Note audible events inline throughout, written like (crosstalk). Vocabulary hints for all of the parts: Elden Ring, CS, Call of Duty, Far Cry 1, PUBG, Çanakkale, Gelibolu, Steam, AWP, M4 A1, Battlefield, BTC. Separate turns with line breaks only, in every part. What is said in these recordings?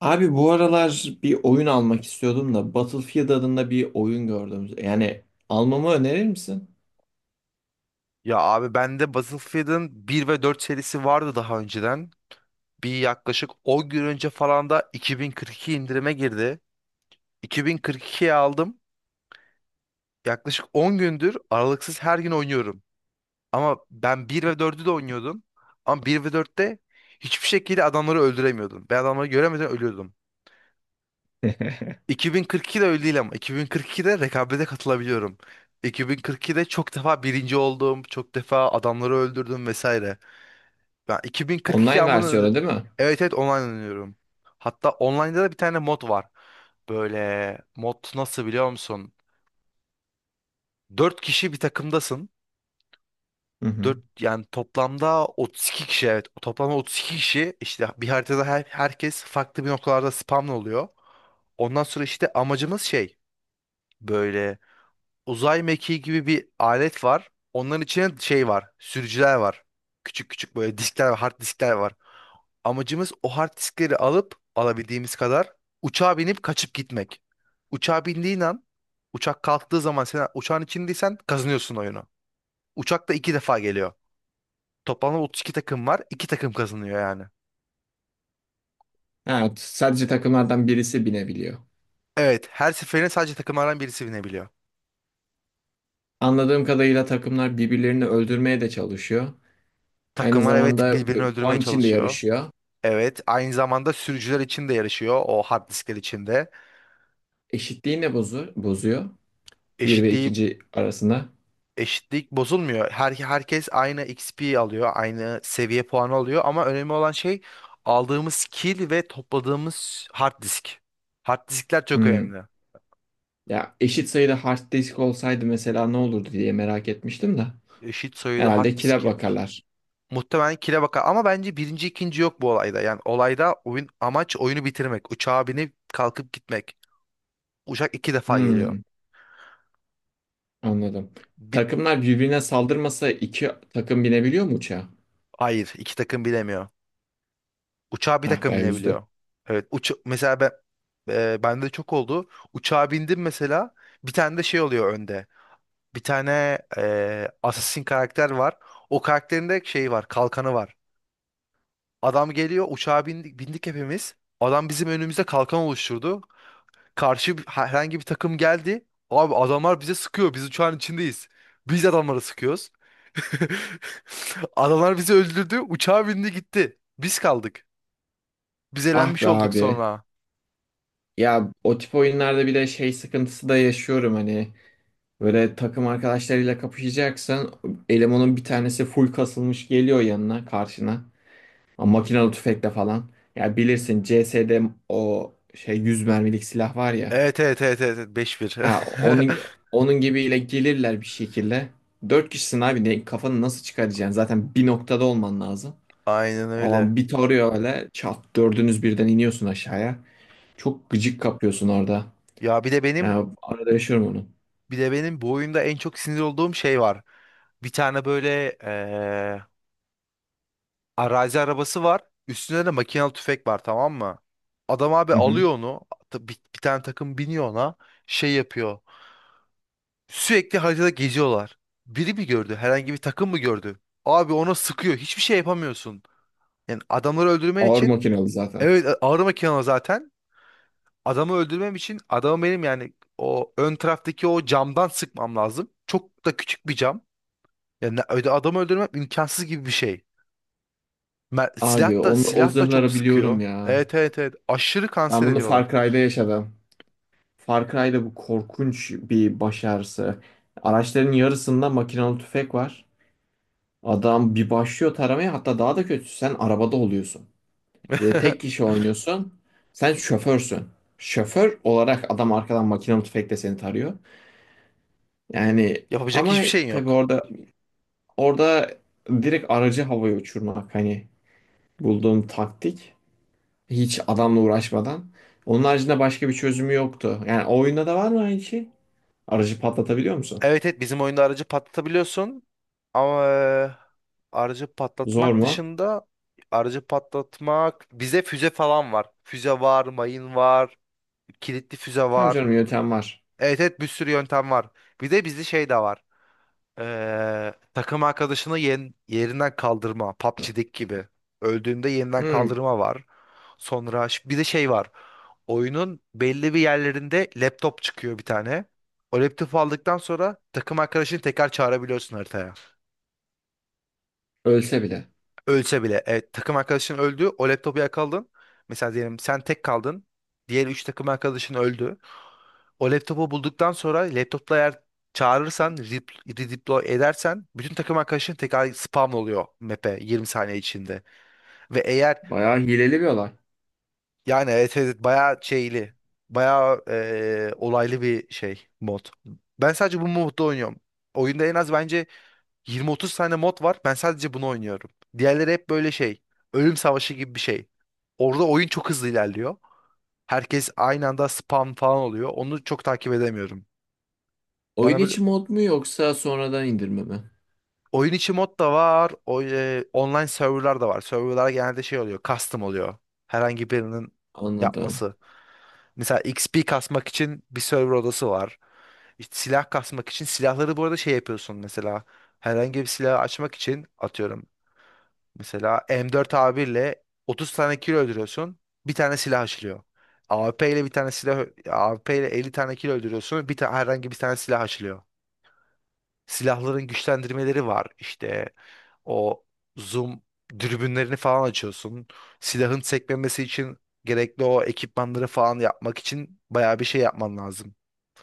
Abi bu aralar bir oyun almak istiyordum da Battlefield adında bir oyun gördüm. Yani almamı önerir misin?
Ya abi bende Battlefield'ın bir ve 4 serisi vardı daha önceden. Yaklaşık 10 gün önce falan da 2042 indirime girdi. 2042'ye aldım. Yaklaşık 10 gündür aralıksız her gün oynuyorum. Ama ben bir ve dördü de oynuyordum. Ama bir ve dörtte hiçbir şekilde adamları öldüremiyordum. Ben adamları göremeden ölüyordum.
(laughs)
2042'de öyle değil ama 2042'de rekabete katılabiliyorum. 2042'de çok defa birinci oldum, çok defa adamları öldürdüm vesaire. Ben 2042
Online
amına öner-
versiyonu değil mi?
Evet, evet, online oynuyorum. Hatta online'da da bir tane mod var. Böyle mod, nasıl biliyor musun? 4 kişi bir takımdasın.
Hı hı.
Dört, yani toplamda 32 kişi, evet. Toplamda 32 kişi işte bir haritada herkes farklı bir noktalarda spamlı oluyor. Ondan sonra işte amacımız şey, böyle uzay mekiği gibi bir alet var. Onların içine şey var. Sürücüler var. Küçük küçük böyle diskler var, hard diskler var. Amacımız o hard diskleri alıp alabildiğimiz kadar uçağa binip kaçıp gitmek. Uçağa bindiğin an uçak kalktığı zaman sen uçağın içindeysen kazanıyorsun oyunu. Uçak da iki defa geliyor. Toplamda 32 takım var. İki takım kazanıyor yani.
Evet, sadece takımlardan birisi binebiliyor.
Evet, her seferinde sadece takımlardan birisi binebiliyor.
Anladığım kadarıyla takımlar birbirlerini öldürmeye de çalışıyor. Aynı
Takımlar, evet,
zamanda
birbirini öldürmeye
puan için de
çalışıyor.
yarışıyor.
Evet, aynı zamanda sürücüler için de yarışıyor o hard diskler içinde.
Eşitliği ne bozuyor? Bir ve
Eşitliği
ikinci arasında.
eşitlik bozulmuyor. Herkes aynı XP alıyor, aynı seviye puanı alıyor ama önemli olan şey aldığımız kill ve topladığımız hard disk. Hard diskler çok
Hmm.
önemli.
Ya eşit sayıda hard disk olsaydı mesela ne olurdu diye merak etmiştim de.
Eşit sayıda
Herhalde
hard
kile
diskim
bakarlar.
muhtemelen kill'e bakar ama bence birinci ikinci yok bu olayda. Yani olayda oyun amaç oyunu bitirmek. Uçağa binip kalkıp gitmek. Uçak iki defa geliyor.
Hmm. Anladım.
Bir,
Takımlar birbirine saldırmasa iki takım binebiliyor mu uçağa?
hayır iki takım bilemiyor. Uçağa bir
Ah
dakika
be üzdü.
binebiliyor. Evet, mesela ben, bende de çok oldu. Uçağa bindim mesela, bir tane de şey oluyor önde. Bir tane assassin karakter var. O karakterin de şeyi var, kalkanı var. Adam geliyor, uçağa bindik hepimiz. Adam bizim önümüzde kalkan oluşturdu. Herhangi bir takım geldi. Abi adamlar bize sıkıyor. Biz uçağın içindeyiz. Biz adamlara sıkıyoruz. (laughs) Adamlar bizi öldürdü. Uçağa bindi, gitti. Biz kaldık. Biz
Ah be
elenmiş olduk
abi.
sonra.
Ya o tip oyunlarda bile şey sıkıntısı da yaşıyorum hani. Böyle takım arkadaşlarıyla kapışacaksan elemanın bir tanesi full kasılmış geliyor yanına karşına. Ama makinalı tüfekle falan. Ya bilirsin CS'de o şey 100 mermilik silah var ya.
Evet, evet, evet, evet, evet, beş bir.
Ha, onun gibiyle gelirler bir şekilde. Dört kişisin abi ne, kafanı nasıl çıkaracaksın? Zaten bir noktada olman lazım.
(laughs) Aynen öyle.
Alan bir tarıyor öyle. Çat dördünüz birden iniyorsun aşağıya. Çok gıcık kapıyorsun orada.
Ya bir de benim
Yani arada yaşıyorum onu.
bir de benim bu oyunda en çok sinir olduğum şey var. Bir tane böyle arazi arabası var. Üstünde de makinalı tüfek var, tamam mı? Adam abi
Hı hı.
alıyor onu. Bir tane takım biniyor ona. Şey yapıyor. Sürekli haritada geziyorlar. Biri mi gördü? Herhangi bir takım mı gördü? Abi ona sıkıyor. Hiçbir şey yapamıyorsun. Yani adamları öldürmen
Ağır
için,
makinalı zaten.
evet, ağır makinalı zaten. Adamı öldürmem için adamı benim yani o ön taraftaki o camdan sıkmam lazım. Çok da küçük bir cam. Yani adamı öldürmem imkansız gibi bir şey. Mer-
Abi
silah da
onu, o
silah da çok
zırhları biliyorum
sıkıyor.
ya.
Evet, evet, evet. Aşırı
Ben
kanser
bunu Far
ediyorlar.
Cry'da yaşadım. Far Cry'da bu korkunç bir baş ağrısı. Araçların yarısında makinalı tüfek var. Adam bir başlıyor taramaya, hatta daha da kötüsü sen arabada oluyorsun. Ve tek
(laughs)
kişi oynuyorsun. Sen şoförsün. Şoför olarak adam arkadan makinalı tüfekle seni tarıyor. Yani
Yapacak
ama
hiçbir şeyin
tabii
yok.
orada, orada direkt aracı havaya uçurmak hani bulduğum taktik hiç adamla uğraşmadan. Onun haricinde başka bir çözümü yoktu. Yani o oyunda da var mı aynı şey? Aracı patlatabiliyor musun?
Evet, evet, bizim oyunda aracı patlatabiliyorsun. Ama aracı
Zor
patlatmak
mu?
dışında aracı patlatmak bize füze falan var. Füze var, mayın var, kilitli füze
Tamam
var.
canım, yöntem var.
Evet, evet, bir sürü yöntem var. Bir de bizde şey de var. Takım arkadaşını yerinden kaldırma. PUBG'deki gibi. Öldüğünde yeniden
Hmm,
kaldırma var. Sonra bir de şey var. Oyunun belli bir yerlerinde laptop çıkıyor bir tane. O laptopu aldıktan sonra takım arkadaşını tekrar çağırabiliyorsun haritaya.
ölse bile.
Ölse bile. Evet, takım arkadaşın öldü. O laptopu yakaladın. Mesela diyelim sen tek kaldın. Diğer 3 takım arkadaşın öldü. O laptopu bulduktan sonra laptopla eğer çağırırsan, redeploy edersen bütün takım arkadaşın tekrar spam oluyor map'e 20 saniye içinde. Ve eğer
Bayağı hileli bir olay.
yani evet, evet, bayağı şeyli, bayağı olaylı bir şey mod. Ben sadece bu modda oynuyorum. Oyunda en az bence 20-30 tane mod var. Ben sadece bunu oynuyorum. Diğerleri hep böyle şey. Ölüm savaşı gibi bir şey. Orada oyun çok hızlı ilerliyor. Herkes aynı anda spam falan oluyor. Onu çok takip edemiyorum.
Oyun
Bana böyle
içi mod mu yoksa sonradan indirme mi?
oyun içi mod da var. O, online serverlar da var. Serverlar genelde şey oluyor. Custom oluyor. Herhangi birinin
Anladım.
yapması. Mesela XP kasmak için bir server odası var. İşte silah kasmak için silahları bu arada şey yapıyorsun mesela. Herhangi bir silah açmak için atıyorum. Mesela M4 A1 ile 30 tane kilo öldürüyorsun. Bir tane silah açılıyor. AWP ile 50 tane kilo öldürüyorsun. Herhangi bir tane silah açılıyor. Silahların güçlendirmeleri var. İşte o zoom dürbünlerini falan açıyorsun. Silahın sekmemesi için gerekli o ekipmanları falan yapmak için bayağı bir şey yapman lazım.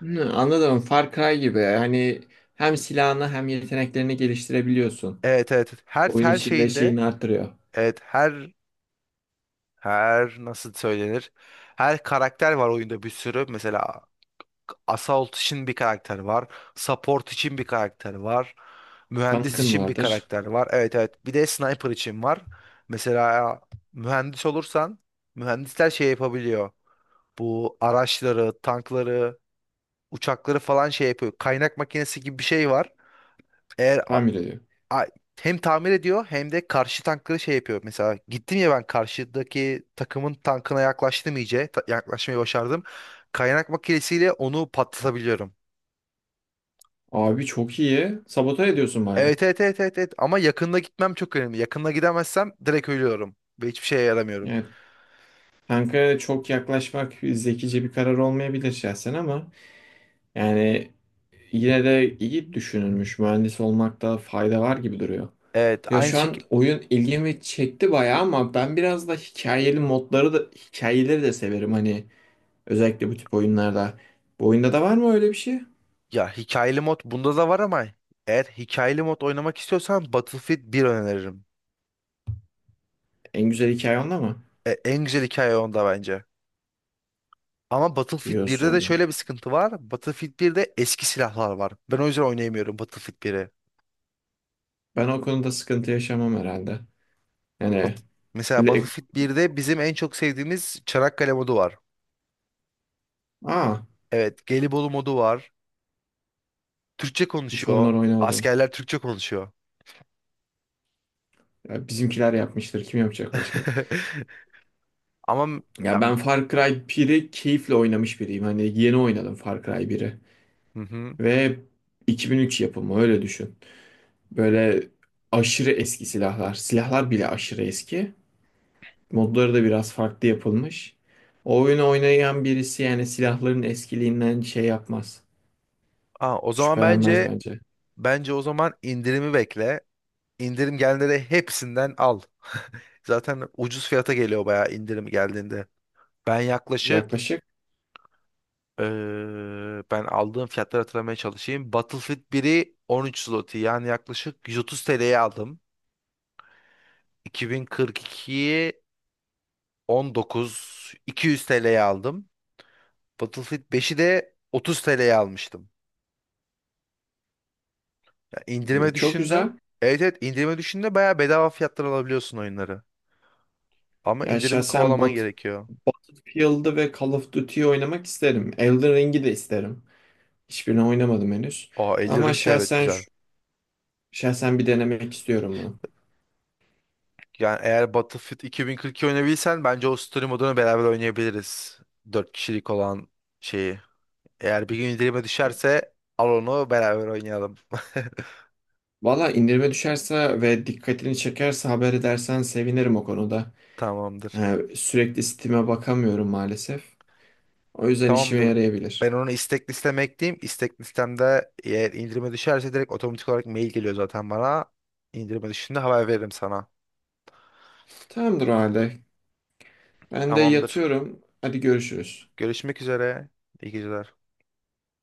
Hmm, anladım. Far Cry gibi. Yani hem silahını hem yeteneklerini geliştirebiliyorsun.
Evet, evet. Her
Oyun
her
içinde
şeyinde,
şeyini arttırıyor.
evet, her nasıl söylenir? Her karakter var oyunda bir sürü. Mesela Assault için bir karakter var. Support için bir karakter var. Mühendis
Tankın
için bir
vardır.
karakter var. Evet, evet. Bir de sniper için var. Mesela mühendis olursan mühendisler şey yapabiliyor. Bu araçları, tankları, uçakları falan şey yapıyor. Kaynak makinesi gibi bir şey var. Eğer
Tamir ediyor.
a- hem tamir ediyor hem de karşı tankları şey yapıyor. Mesela gittim ya ben karşıdaki takımın tankına yaklaştım iyice. Yaklaşmayı başardım. Kaynak makinesiyle onu patlatabiliyorum.
Abi çok iyi. Sabote ediyorsun baya.
Evet, evet, evet, evet, evet, ama yakında gitmem çok önemli. Yakında gidemezsem direkt ölüyorum ve hiçbir şeye yaramıyorum.
Yani tanka çok yaklaşmak zekice bir karar olmayabilir şahsen ama yani yine de iyi düşünülmüş. Mühendis olmakta fayda var gibi duruyor.
Evet,
Ya
aynı
şu an
şekil.
oyun ilgimi çekti bayağı ama ben biraz da hikayeli modları da hikayeleri de severim hani, özellikle bu tip oyunlarda. Bu oyunda da var mı öyle bir şey?
Ya hikayeli mod bunda da var ama eğer hikayeli mod oynamak istiyorsan Battlefield bir öneririm.
En güzel hikaye onda mı?
En güzel hikaye onda bence. Ama Battlefield birde de
Diyorsun.
şöyle bir sıkıntı var. Battlefield birde eski silahlar var. Ben o yüzden oynayamıyorum Battlefield biri.
Ben o konuda sıkıntı yaşamam herhalde.
Bat-
Yani.
Mesela Battlefield birde bizim en çok sevdiğimiz Çanakkale modu var.
Aa,
Evet, Gelibolu modu var. Türkçe
hiç onlar
konuşuyor.
oynamadım.
Askerler Türkçe konuşuyor.
Ya bizimkiler yapmıştır. Kim yapacak başka?
(laughs) Ama m- ya,
Ya ben
m-
Far Cry 1'i keyifle oynamış biriyim. Hani yeni oynadım Far Cry 1'i.
hı hı.
Ve 2003 yapımı öyle düşün. Böyle aşırı eski silahlar. Silahlar bile aşırı eski. Modları da biraz farklı yapılmış. O oyunu oynayan birisi yani silahların eskiliğinden şey yapmaz.
Aa, o zaman
Şüphelenmez
bence
bence.
bence o zaman indirimi bekle. İndirim gelenleri hepsinden al. Zaten ucuz fiyata geliyor bayağı indirim geldiğinde. Ben yaklaşık
Yaklaşık
eee, ben aldığım fiyatları hatırlamaya çalışayım. Battlefield 1'i 13 zloty yani yaklaşık 130 TL'ye aldım. 2042'yi 19.200 TL'ye aldım. Battlefield beşi de 30 TL'ye almıştım. İndirime
çok güzel.
düşünde. Evet, evet, indirime düşünde bayağı bedava fiyatlar alabiliyorsun oyunları. Ama
Ya
indirimi
şahsen
kovalaman gerekiyor.
Battlefield'ı ve Call of Duty'yi oynamak isterim. Elden Ring'i de isterim. Hiçbirini oynamadım henüz.
Aa, Elden
Ama
Ring de evet
şahsen
güzel.
şahsen bir denemek istiyorum bunu.
Yani eğer Battlefield 2042 oynayabilsen bence o story modunu beraber oynayabiliriz. Dört kişilik olan şeyi. Eğer bir gün indirime düşerse al onu beraber oynayalım.
Valla indirime düşerse ve dikkatini çekerse haber edersen sevinirim o konuda.
(laughs) Tamamdır.
Sürekli Steam'e bakamıyorum maalesef. O yüzden işime
Tamamdır. Ben
yarayabilir.
onu istek listeme ekleyeyim. İstek listemde eğer indirime düşerse direkt otomatik olarak mail geliyor zaten bana. İndirime düşünde haber veririm sana.
Tamamdır o halde. Ben de
Tamamdır.
yatıyorum. Hadi görüşürüz.
Görüşmek üzere. İyi geceler.